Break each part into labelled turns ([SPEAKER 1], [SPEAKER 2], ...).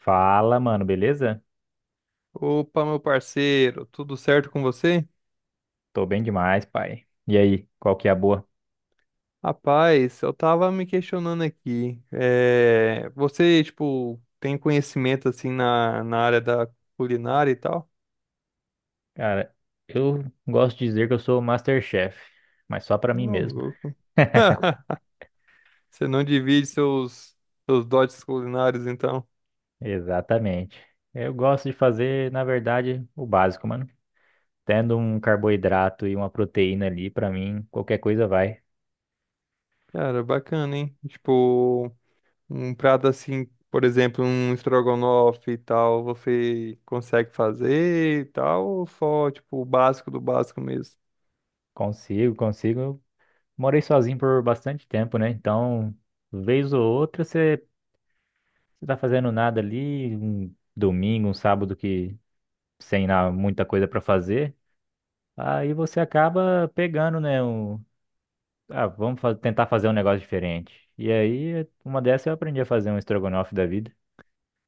[SPEAKER 1] Fala, mano, beleza?
[SPEAKER 2] Opa, meu parceiro, tudo certo com você?
[SPEAKER 1] Tô bem demais, pai. E aí, qual que é a boa?
[SPEAKER 2] Rapaz, eu tava me questionando aqui. Você, tipo, tem conhecimento assim na área da culinária e tal?
[SPEAKER 1] Cara, eu gosto de dizer que eu sou o MasterChef, mas só pra mim
[SPEAKER 2] Não,
[SPEAKER 1] mesmo.
[SPEAKER 2] louco. Você não divide seus, seus dotes culinários, então?
[SPEAKER 1] Exatamente. Eu gosto de fazer, na verdade, o básico, mano. Tendo um carboidrato e uma proteína ali, pra mim, qualquer coisa vai.
[SPEAKER 2] Cara, bacana, hein? Tipo, um prato assim, por exemplo, um estrogonofe e tal, você consegue fazer e tal, ou só, tipo, o básico do básico mesmo?
[SPEAKER 1] Consigo. Eu morei sozinho por bastante tempo, né? Então, vez ou outra, você tá fazendo nada ali, um domingo, um sábado que sem na- muita coisa pra fazer. Aí você acaba pegando, né? Tentar fazer um negócio diferente. E aí, uma dessas eu aprendi a fazer um estrogonofe da vida.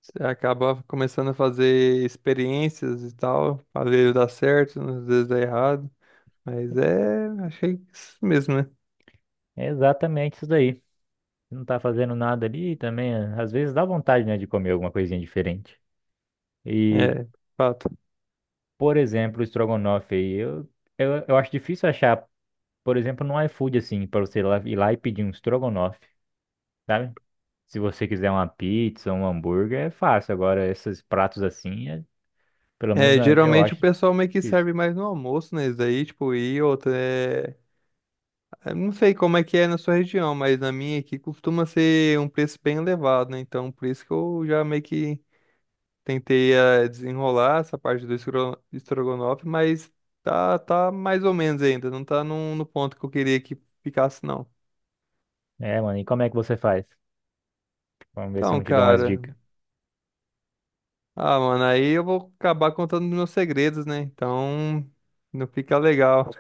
[SPEAKER 2] Você acaba começando a fazer experiências e tal, às vezes dá certo, às vezes dá errado, mas é, achei isso mesmo, né?
[SPEAKER 1] É exatamente isso daí. Não tá fazendo nada ali também. Às vezes dá vontade, né, de comer alguma coisinha diferente. E,
[SPEAKER 2] É, fato.
[SPEAKER 1] por exemplo, o estrogonofe aí, eu acho difícil achar, por exemplo, no iFood, assim, pra você ir lá, e pedir um estrogonofe, sabe? Se você quiser uma pizza, um hambúrguer, é fácil. Agora, esses pratos assim, pelo menos
[SPEAKER 2] É,
[SPEAKER 1] eu
[SPEAKER 2] geralmente o
[SPEAKER 1] acho
[SPEAKER 2] pessoal meio que
[SPEAKER 1] difícil.
[SPEAKER 2] serve mais no almoço, né? Isso daí, tipo, e outra, é... eu não sei como é que é na sua região, mas na minha aqui costuma ser um preço bem elevado, né? Então, por isso que eu já meio que tentei desenrolar essa parte do estrogonofe, mas tá mais ou menos ainda. Não tá no ponto que eu queria que ficasse, não.
[SPEAKER 1] É, mano, e como é que você faz? Vamos ver se eu
[SPEAKER 2] Então,
[SPEAKER 1] não te dou umas
[SPEAKER 2] cara.
[SPEAKER 1] dicas.
[SPEAKER 2] Ah, mano, aí eu vou acabar contando meus segredos, né? Então, não fica legal.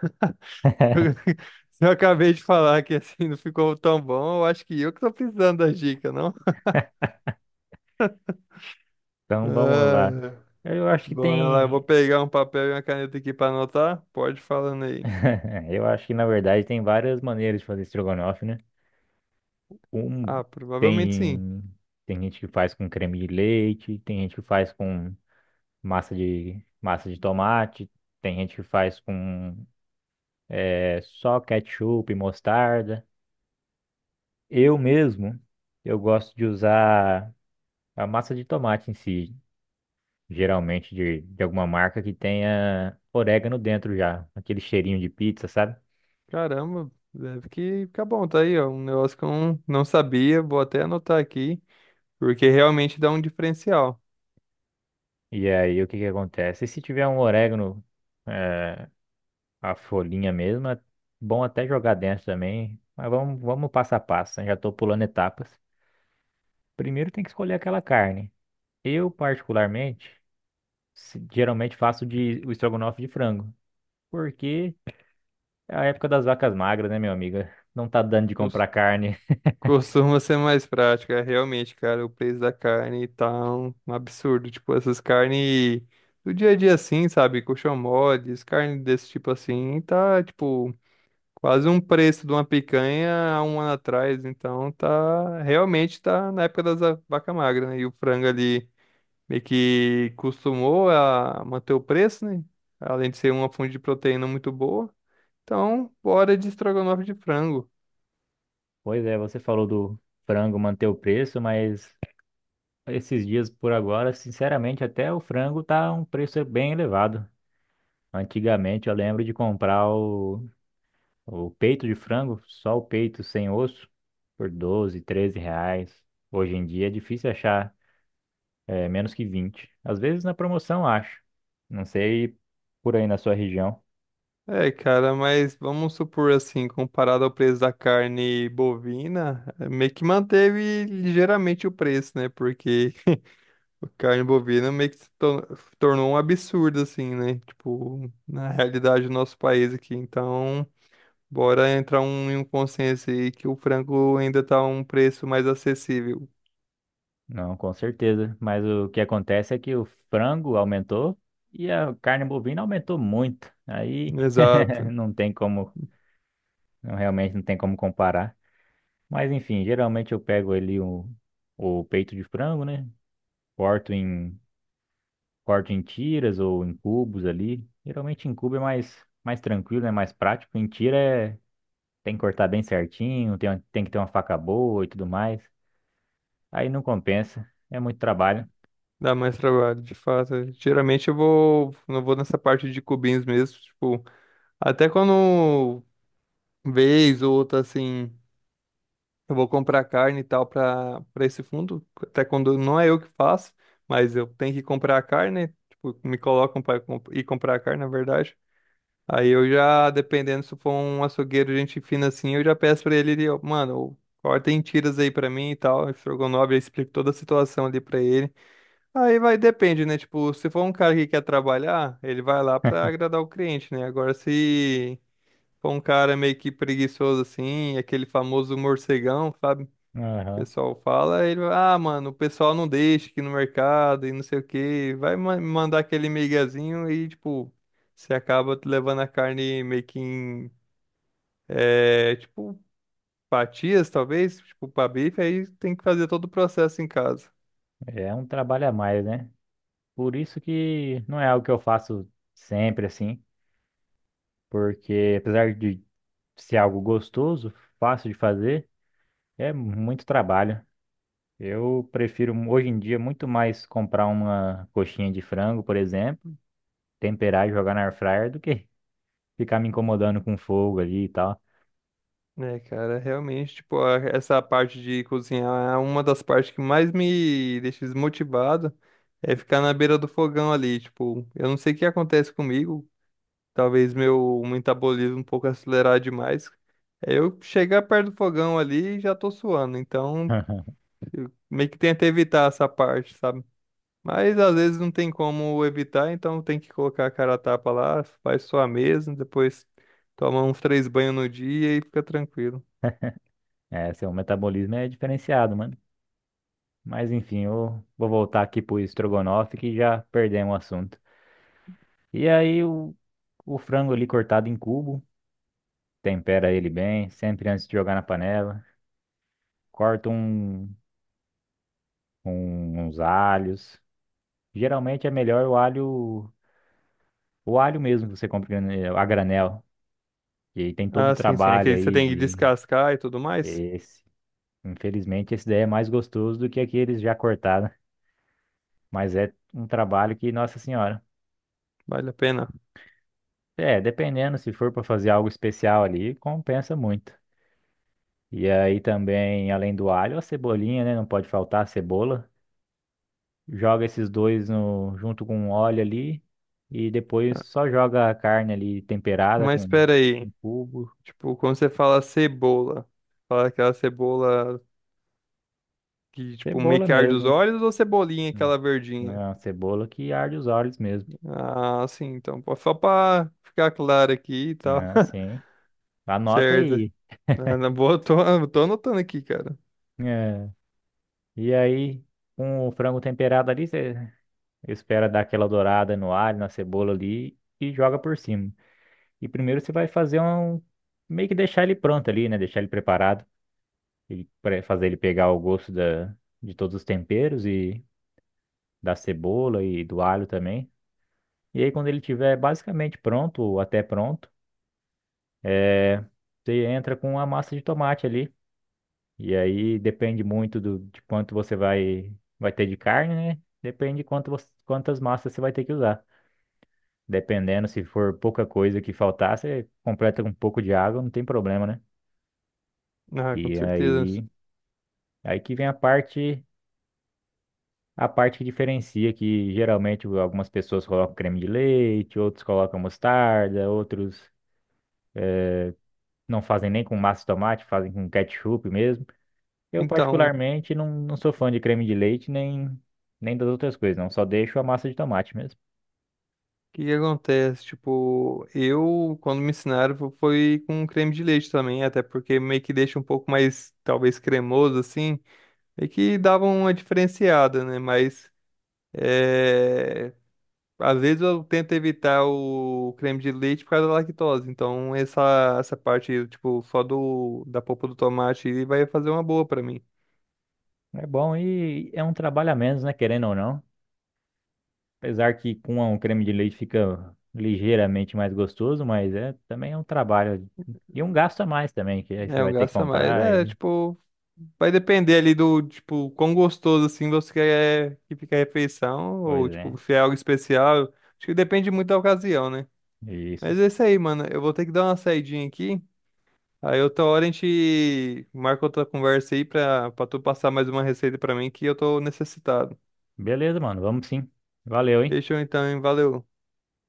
[SPEAKER 2] Se eu acabei de falar que assim não ficou tão bom, eu acho que eu que tô precisando da dica, não?
[SPEAKER 1] Então vamos lá.
[SPEAKER 2] Ah,
[SPEAKER 1] Eu acho que
[SPEAKER 2] bora lá, eu vou
[SPEAKER 1] tem.
[SPEAKER 2] pegar um papel e uma caneta aqui pra anotar. Pode ir falando aí.
[SPEAKER 1] Eu acho que na verdade tem várias maneiras de fazer estrogonofe, né? Um
[SPEAKER 2] Ah, provavelmente sim.
[SPEAKER 1] tem. Tem gente que faz com creme de leite, tem gente que faz com massa de tomate, tem gente que faz com só ketchup e mostarda. Eu mesmo, eu gosto de usar a massa de tomate em si, geralmente de alguma marca que tenha orégano dentro já, aquele cheirinho de pizza, sabe?
[SPEAKER 2] Caramba, deve que ficar bom, tá aí, ó. Um negócio que eu não sabia, vou até anotar aqui, porque realmente dá um diferencial.
[SPEAKER 1] E aí o que que acontece? E Se tiver um orégano, eh, a folhinha mesmo, é bom até jogar dentro também, mas vamos passo a passo, né? Já estou pulando etapas. Primeiro tem que escolher aquela carne. Eu, particularmente, geralmente faço o estrogonofe de frango, porque é a época das vacas magras, né, meu amigo? Não tá dando de
[SPEAKER 2] Cos-
[SPEAKER 1] comprar carne.
[SPEAKER 2] Costuma ser mais prático, é realmente, cara, o preço da carne tá um absurdo. Tipo, essas carnes do dia a dia assim, sabe? Colchão moles, carne desse tipo assim, tá, tipo, quase um preço de uma picanha há um ano atrás. Então, tá, realmente tá na época vaca magra, né? E o frango ali meio que costumou a manter o preço, né? Além de ser uma fonte de proteína muito boa. Então, bora de estrogonofe de frango.
[SPEAKER 1] Pois é, você falou do frango manter o preço, mas esses dias por agora, sinceramente, até o frango tá um preço bem elevado. Antigamente eu lembro de comprar o peito de frango, só o peito sem osso, por 12 ou 13 reais. Hoje em dia é difícil achar menos que 20. Às vezes na promoção, acho. Não sei por aí na sua região.
[SPEAKER 2] É, cara, mas vamos supor assim, comparado ao preço da carne bovina, meio que manteve ligeiramente o preço, né? Porque a carne bovina meio que se tor- tornou um absurdo, assim, né? Tipo, na realidade do nosso país aqui. Então, bora entrar em um consenso aí que o frango ainda tá um preço mais acessível.
[SPEAKER 1] Não, com certeza. Mas o que acontece é que o frango aumentou e a carne bovina aumentou muito. Aí
[SPEAKER 2] Exato.
[SPEAKER 1] não tem como, realmente não tem como comparar. Mas enfim, geralmente eu pego ali o peito de frango, né? Corto em, corto em tiras ou em cubos ali. Geralmente em cubo é mais tranquilo, é mais prático. Em tira tem que cortar bem certinho, tem que ter uma faca boa e tudo mais. Aí não compensa, é muito trabalho.
[SPEAKER 2] Dá mais trabalho, de fato. Geralmente eu vou, não vou nessa parte de cubinhos mesmo, tipo, até quando vez ou outra assim, eu vou comprar carne e tal para esse fundo, até quando não é eu que faço, mas eu tenho que comprar a carne, tipo, me colocam para ir comprar a carne, na verdade. Aí eu já, dependendo se for um açougueiro, gente fina assim, eu já peço pra ele, ó, mano, corta em tiras aí pra mim e tal, estrogonofe, eu explico toda a situação ali pra ele. Aí vai, depende, né? Tipo, se for um cara que quer trabalhar, ele vai lá pra agradar o cliente, né? Agora, se for um cara meio que preguiçoso assim, aquele famoso morcegão, sabe? O
[SPEAKER 1] Aham.
[SPEAKER 2] pessoal fala, ele vai, ah, mano, o pessoal não deixa aqui no mercado e não sei o quê. Vai mandar aquele miguezinho e, tipo, você acaba levando a carne meio que em, é, tipo, fatias, talvez, tipo, pra bife, aí tem que fazer todo o processo em casa.
[SPEAKER 1] É um trabalho a mais, né? Por isso que não é algo que eu faço sempre assim, porque apesar de ser algo gostoso, fácil de fazer, é muito trabalho. Eu prefiro hoje em dia muito mais comprar uma coxinha de frango, por exemplo, temperar e jogar na air fryer do que ficar me incomodando com fogo ali e tal.
[SPEAKER 2] É, cara, realmente, tipo, essa parte de cozinhar é uma das partes que mais me deixa desmotivado, é ficar na beira do fogão ali, tipo, eu não sei o que acontece comigo, talvez meu metabolismo um pouco acelerado demais, é eu chegar perto do fogão ali e já tô suando, então eu meio que tento evitar essa parte, sabe? Mas às vezes não tem como evitar, então tem que colocar a cara a tapa lá, faz sua mesmo, depois toma uns três banhos no dia e fica tranquilo.
[SPEAKER 1] É, seu metabolismo é diferenciado, mano. Mas enfim, eu vou voltar aqui pro estrogonofe que já perdemos o assunto. E aí o frango ali cortado em cubo, tempera ele bem, sempre antes de jogar na panela, corta um, uns alhos. Geralmente é melhor o alho mesmo que você compra a granel. E aí tem todo o
[SPEAKER 2] Ah, sim, sim.
[SPEAKER 1] trabalho
[SPEAKER 2] Aquele você
[SPEAKER 1] aí
[SPEAKER 2] tem que
[SPEAKER 1] de
[SPEAKER 2] descascar e tudo mais.
[SPEAKER 1] esse. Infelizmente, esse daí é mais gostoso do que aqueles já cortados. Mas é um trabalho que, nossa senhora.
[SPEAKER 2] Vale a pena.
[SPEAKER 1] É, dependendo, se for para fazer algo especial ali, compensa muito. E aí também, além do alho, a cebolinha, né? Não pode faltar a cebola. Joga esses dois no, junto com o óleo ali. E depois só joga a carne ali temperada
[SPEAKER 2] Mas
[SPEAKER 1] com
[SPEAKER 2] espera
[SPEAKER 1] um
[SPEAKER 2] aí.
[SPEAKER 1] cubo.
[SPEAKER 2] Tipo, quando você fala cebola, fala aquela cebola que, tipo, meio
[SPEAKER 1] Cebola
[SPEAKER 2] que arde os
[SPEAKER 1] mesmo, né?
[SPEAKER 2] olhos ou cebolinha, aquela
[SPEAKER 1] Não
[SPEAKER 2] verdinha?
[SPEAKER 1] é uma cebola que arde os olhos mesmo,
[SPEAKER 2] Ah, sim. Então, pô, só pra ficar claro aqui e tal.
[SPEAKER 1] né? Assim. Anota
[SPEAKER 2] Certo.
[SPEAKER 1] aí.
[SPEAKER 2] Ah, na boa, eu tô anotando aqui, cara.
[SPEAKER 1] É. E aí, com o frango temperado ali, você espera dar aquela dourada no alho, na cebola ali e joga por cima. E primeiro você vai fazer um. Meio que deixar ele pronto ali, né? Deixar ele preparado. Ele, pra fazer ele pegar o gosto de todos os temperos e da cebola e do alho também. E aí, quando ele tiver basicamente pronto, ou até pronto, é, você entra com a massa de tomate ali. E aí depende muito de quanto você vai, vai ter de carne, né? Depende de quanto quantas massas você vai ter que usar. Dependendo, se for pouca coisa que faltar, você completa com um pouco de água, não tem problema, né?
[SPEAKER 2] Ah, com
[SPEAKER 1] E
[SPEAKER 2] certeza.
[SPEAKER 1] aí, aí que vem a parte que diferencia, que geralmente algumas pessoas colocam creme de leite, outros colocam mostarda, outros não fazem nem com massa de tomate, fazem com ketchup mesmo. Eu,
[SPEAKER 2] Então,
[SPEAKER 1] particularmente, não sou fã de creme de leite nem das outras coisas, não. Só deixo a massa de tomate mesmo.
[SPEAKER 2] o que que acontece? Tipo, eu, quando me ensinaram, foi com creme de leite também, até porque meio que deixa um pouco mais, talvez, cremoso, assim, meio que dava uma diferenciada, né? Mas, é... às vezes eu tento evitar o creme de leite por causa da lactose, então essa parte, tipo, só do, da polpa do tomate aí vai fazer uma boa pra mim.
[SPEAKER 1] É bom e é um trabalho a menos, né? Querendo ou não. Apesar que com um creme de leite fica ligeiramente mais gostoso, mas é também é um trabalho e um gasto a mais também, que aí você
[SPEAKER 2] É, um
[SPEAKER 1] vai ter que
[SPEAKER 2] gasta mais.
[SPEAKER 1] comprar
[SPEAKER 2] É,
[SPEAKER 1] e...
[SPEAKER 2] tipo, vai depender ali do, tipo, quão gostoso, assim, você quer que fique a refeição,
[SPEAKER 1] Pois
[SPEAKER 2] ou, tipo,
[SPEAKER 1] é,
[SPEAKER 2] se é algo especial. Acho que depende muito da ocasião, né?
[SPEAKER 1] isso.
[SPEAKER 2] Mas é isso aí, mano. Eu vou ter que dar uma saidinha aqui. Aí outra hora a gente marca outra conversa aí pra tu passar mais uma receita pra mim que eu tô necessitado.
[SPEAKER 1] Beleza, mano, vamos sim. Valeu, hein?
[SPEAKER 2] Fechou então, hein? Valeu.